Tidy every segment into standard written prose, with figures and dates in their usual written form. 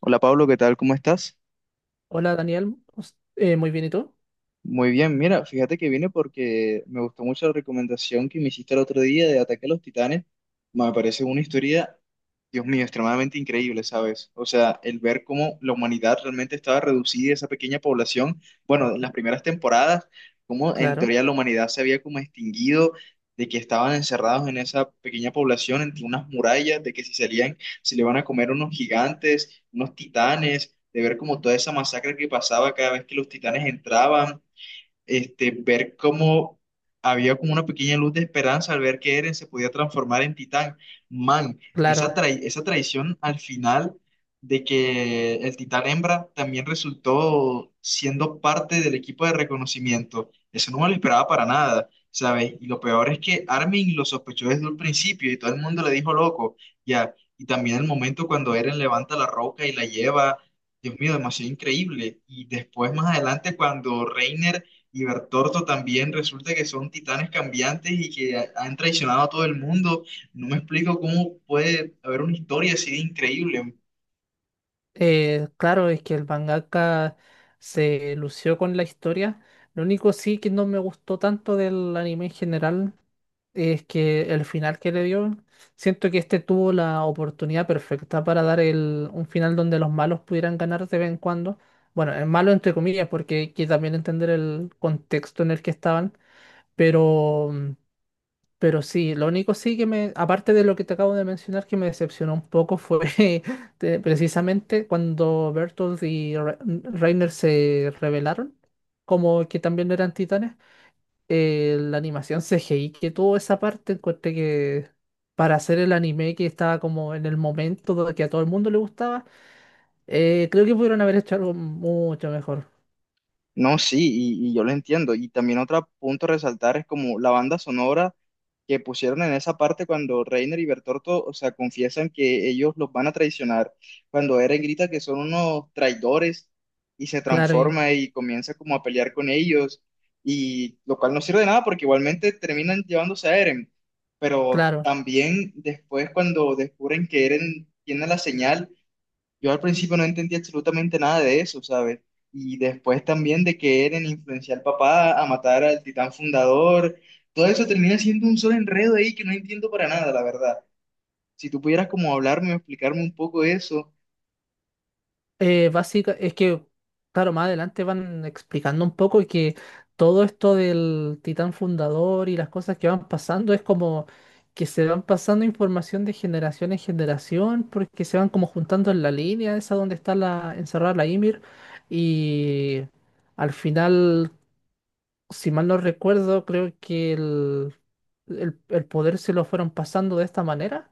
Hola Pablo, ¿qué tal? ¿Cómo estás? Hola Daniel, muy bien, ¿y tú? Muy bien, mira, fíjate que vine porque me gustó mucho la recomendación que me hiciste el otro día de Ataque a los Titanes. Me parece una historia, Dios mío, extremadamente increíble, ¿sabes? O sea, el ver cómo la humanidad realmente estaba reducida, esa pequeña población, bueno, en las primeras temporadas, cómo en Claro, teoría la humanidad se había como extinguido, de que estaban encerrados en esa pequeña población, entre unas murallas, de que si salían, se le van a comer unos gigantes, unos titanes, de ver como toda esa masacre que pasaba cada vez que los titanes entraban este, ver cómo había como una pequeña luz de esperanza al ver que Eren se podía transformar en titán. Man, esa claro. esa traición al final de que el titán hembra también resultó siendo parte del equipo de reconocimiento. Eso no me lo esperaba para nada, ¿sabes? Y lo peor es que Armin lo sospechó desde un principio y todo el mundo le dijo loco, ya. Y también el momento cuando Eren levanta la roca y la lleva, Dios mío, demasiado increíble. Y después, más adelante, cuando Reiner y Bertorto también resulta que son titanes cambiantes y que han traicionado a todo el mundo. No me explico cómo puede haber una historia así de increíble. Claro, es que el mangaka se lució con la historia. Lo único sí que no me gustó tanto del anime en general es que el final que le dio, siento que este tuvo la oportunidad perfecta para dar un final donde los malos pudieran ganar de vez en cuando. Bueno, el malo entre comillas, porque hay que también entender el contexto en el que estaban, pero... pero sí, lo único sí que aparte de lo que te acabo de mencionar, que me decepcionó un poco fue precisamente cuando Bertolt y Reiner se rebelaron, como que también no eran titanes, la animación CGI que tuvo esa parte, encontré que para hacer el anime que estaba como en el momento que a todo el mundo le gustaba, creo que pudieron haber hecho algo mucho mejor. No, sí, y yo lo entiendo. Y también otro punto a resaltar es como la banda sonora que pusieron en esa parte cuando Reiner y Bertorto, o sea, confiesan que ellos los van a traicionar, cuando Eren grita que son unos traidores y se Claro, y, transforma y comienza como a pelear con ellos, y lo cual no sirve de nada porque igualmente terminan llevándose a Eren. Pero claro. también después cuando descubren que Eren tiene la señal, yo al principio no entendí absolutamente nada de eso, ¿sabes? Y después también de que Eren influencia al papá a matar al titán fundador, todo eso termina siendo un solo enredo ahí que no entiendo para nada, la verdad. Si tú pudieras como hablarme o explicarme un poco eso. Es que, claro, más adelante van explicando un poco y que todo esto del titán fundador y las cosas que van pasando es como que se van pasando información de generación en generación porque se van como juntando en la línea esa donde está la encerrada la Ymir y al final, si mal no recuerdo, creo que el poder se lo fueron pasando de esta manera.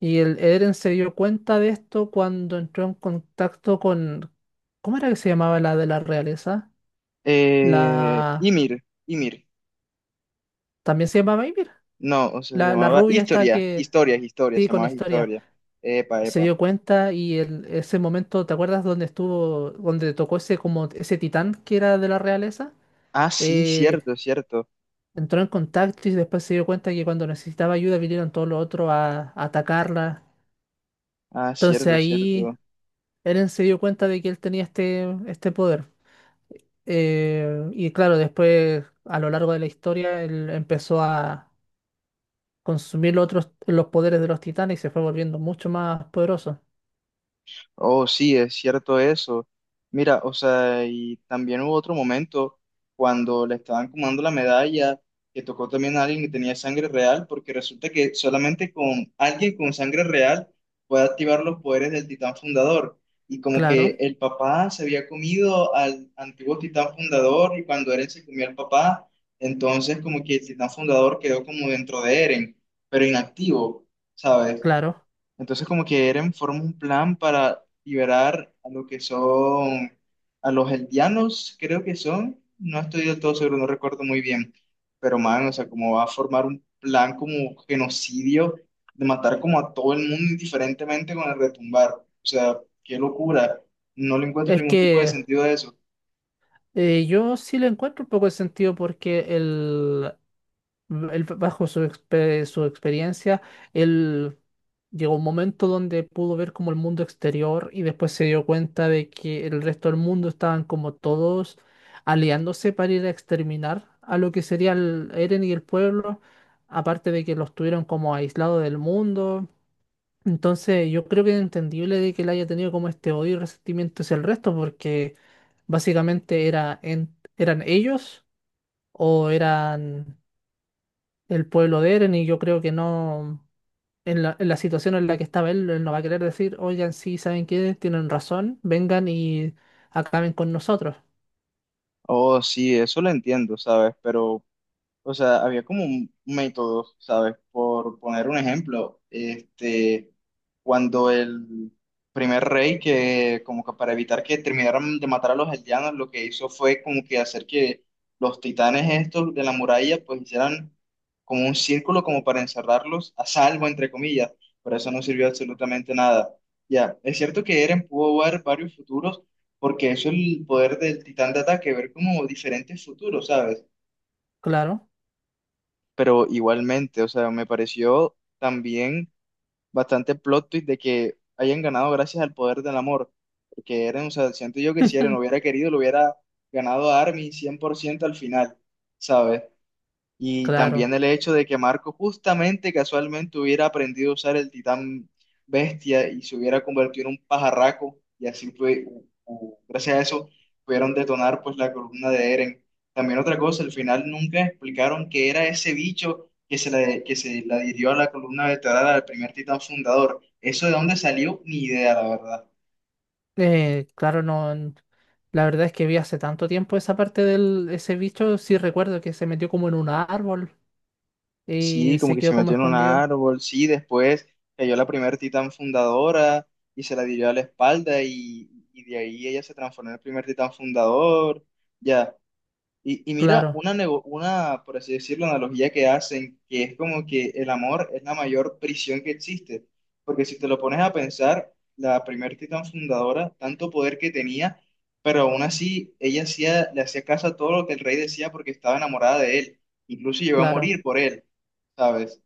Y el Eren se dio cuenta de esto cuando entró en contacto con... ¿Cómo era que se llamaba la de la realeza? La... Ymir, Ymir, También se llamaba Ymir. no, o sea, se La llamaba rubia esta Historia, que... Historia, Historia, Sí, se con llamaba historia. Historia. Epa, Se epa. dio cuenta ese momento, ¿te acuerdas donde estuvo, donde tocó ese como ese titán que era de la realeza? Ah, sí, Eh, cierto, cierto. entró en contacto y después se dio cuenta que cuando necesitaba ayuda vinieron todos los otros a atacarla. Ah, Entonces cierto, ahí cierto. Eren se dio cuenta de que él tenía este poder. Y claro, después a lo largo de la historia él empezó a consumir los otros, los poderes de los titanes y se fue volviendo mucho más poderoso. Oh, sí, es cierto eso. Mira, o sea, y también hubo otro momento cuando le estaban comando la medalla, que tocó también a alguien que tenía sangre real, porque resulta que solamente con alguien con sangre real puede activar los poderes del titán fundador. Y como que Claro, el papá se había comido al antiguo titán fundador y cuando Eren se comió al papá, entonces como que el titán fundador quedó como dentro de Eren, pero inactivo, ¿sabes? claro. Entonces, como que Eren forma un plan para liberar a lo que son, a los eldianos, creo que son, no estoy del todo seguro, no recuerdo muy bien, pero man, o sea, como va a formar un plan como genocidio de matar como a todo el mundo indiferentemente con el retumbar. O sea, qué locura, no le encuentro Es ningún tipo de que sentido a eso. Yo sí le encuentro un poco de sentido porque él, bajo su experiencia, él llegó a un momento donde pudo ver como el mundo exterior y después se dio cuenta de que el resto del mundo estaban como todos aliándose para ir a exterminar a lo que sería el Eren y el pueblo, aparte de que los tuvieron como aislados del mundo. Entonces, yo creo que es entendible de que él haya tenido como este odio y resentimiento hacia el resto, porque básicamente eran ellos o eran el pueblo de Eren y yo creo que no, en en la situación en la que estaba él, él no va a querer decir, oigan, sí, ¿saben qué? Tienen razón, vengan y acaben con nosotros. Oh, sí, eso lo entiendo, ¿sabes? Pero, o sea, había como un método, ¿sabes? Por poner un ejemplo, este, cuando el primer rey que, como que para evitar que terminaran de matar a los aldeanos, lo que hizo fue como que hacer que los titanes estos de la muralla, pues hicieran como un círculo como para encerrarlos a salvo, entre comillas, pero eso no sirvió absolutamente nada. Ya, es cierto que Eren pudo ver varios futuros, porque eso es el poder del titán de ataque, ver como diferentes futuros, ¿sabes? Claro, Pero igualmente, o sea, me pareció también bastante plot twist de que hayan ganado gracias al poder del amor, porque Eren, o sea, siento yo que si Eren hubiera querido, lo hubiera ganado a Armin 100% al final, ¿sabes? Y claro, también el hecho de que Marco justamente casualmente hubiera aprendido a usar el titán bestia y se hubiera convertido en un pajarraco y así fue, gracias a eso pudieron detonar pues la columna de Eren. También otra cosa, al final nunca explicaron qué era ese bicho que se la adhirió a la columna vertebral al primer titán fundador. Eso de dónde salió, ni idea, la verdad. Claro, no. n- la verdad es que vi hace tanto tiempo esa parte del ese bicho, sí recuerdo que se metió como en un árbol y Sí, como se que quedó se como metió en un escondido. árbol, sí, después cayó la primer titán fundadora y se la dio a la espalda y de ahí ella se transformó en el primer titán fundador, ya, y mira, Claro, una, por así decirlo, analogía que hacen, que es como que el amor es la mayor prisión que existe, porque si te lo pones a pensar, la primer titán fundadora, tanto poder que tenía, pero aún así ella hacía, le hacía caso a todo lo que el rey decía porque estaba enamorada de él, incluso llegó a claro, morir por él, ¿sabes?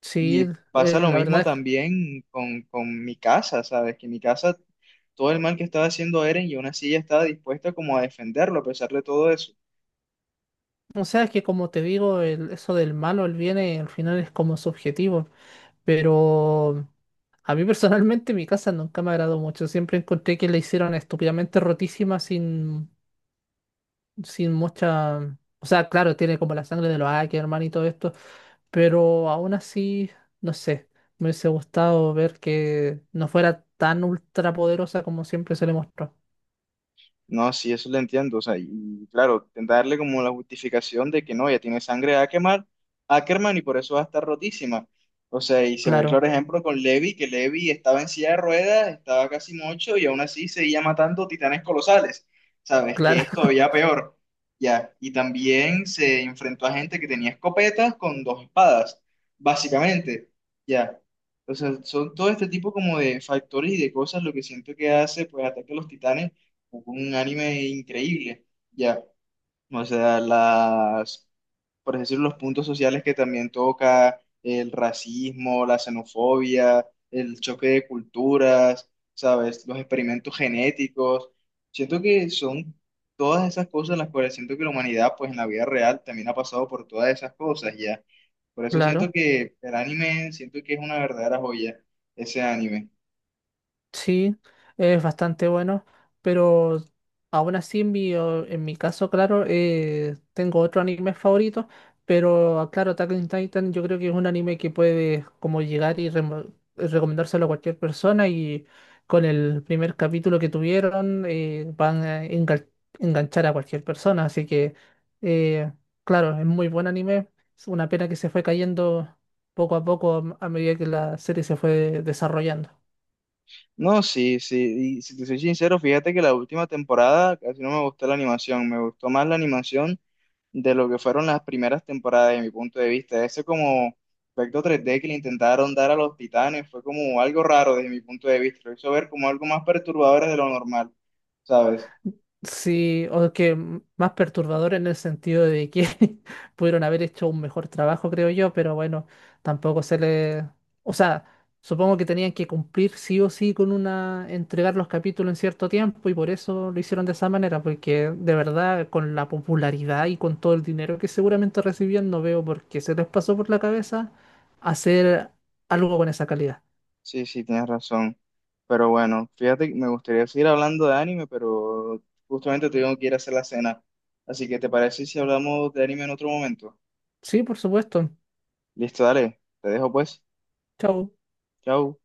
sí, Y pasa lo la verdad mismo es que, también con mi casa, ¿sabes? Que mi casa, todo el mal que estaba haciendo Eren y aún así ella estaba dispuesta como a defenderlo a pesar de todo eso. o sea, es que como te digo, eso del malo, el bien, al final es como subjetivo. Pero a mí personalmente mi casa nunca me agradó mucho. Siempre encontré que la hicieron estúpidamente rotísima sin, sin mucha... O sea, claro, tiene como la sangre de los Ackerman y todo esto, pero aún así, no sé, me hubiese gustado ver que no fuera tan ultrapoderosa como siempre se le mostró. No, sí, eso lo entiendo. O sea, y claro, darle como la justificación de que no, ya tiene sangre de Ackerman, Ackerman y por eso va a estar rotísima. O sea, y se ve el Claro, claro ejemplo con Levi, que Levi estaba en silla de ruedas, estaba casi mocho y aún así seguía matando titanes colosales. ¿Sabes? Que claro, es todavía peor. Ya, y también se enfrentó a gente que tenía escopetas con dos espadas, básicamente. Ya. O sea, son todo este tipo como de factores y de cosas lo que siento que hace, pues, ataque a los titanes un anime increíble, ya. O sea, las, por decirlo, los puntos sociales que también toca, el racismo, la xenofobia, el choque de culturas, ¿sabes? Los experimentos genéticos. Siento que son todas esas cosas las cuales siento que la humanidad, pues en la vida real, también ha pasado por todas esas cosas, ya. Por eso siento claro. que el anime, siento que es una verdadera joya, ese anime. Sí, es bastante bueno, pero aún así en en mi caso, claro, tengo otro anime favorito, pero ah, claro, Attack on Titan yo creo que es un anime que puede como llegar y recomendárselo a cualquier persona y con el primer capítulo que tuvieron van a enganchar a cualquier persona, así que eh, claro, es muy buen anime, es una pena que se fue cayendo poco a poco a medida que la serie se fue desarrollando. No, sí, sí. Y si te soy sincero, fíjate que la última temporada casi no me gustó la animación. Me gustó más la animación de lo que fueron las primeras temporadas, de mi punto de vista. Ese como efecto 3D que le intentaron dar a los titanes fue como algo raro desde mi punto de vista. Lo hizo ver como algo más perturbador de lo normal, ¿sabes? Sí, o que más perturbador en el sentido de que pudieron haber hecho un mejor trabajo, creo yo, pero bueno, tampoco se le... O sea, supongo que tenían que cumplir sí o sí con una... entregar los capítulos en cierto tiempo y por eso lo hicieron de esa manera, porque de verdad, con la popularidad y con todo el dinero que seguramente recibían, no veo por qué se les pasó por la cabeza hacer algo con esa calidad. Sí, sí, tienes razón. Pero bueno, fíjate que me gustaría seguir hablando de anime, pero justamente tengo que ir a hacer la cena. Así que, ¿te parece si hablamos de anime en otro momento? Sí, por supuesto. Listo, dale. Te dejo pues. Chao. Chao.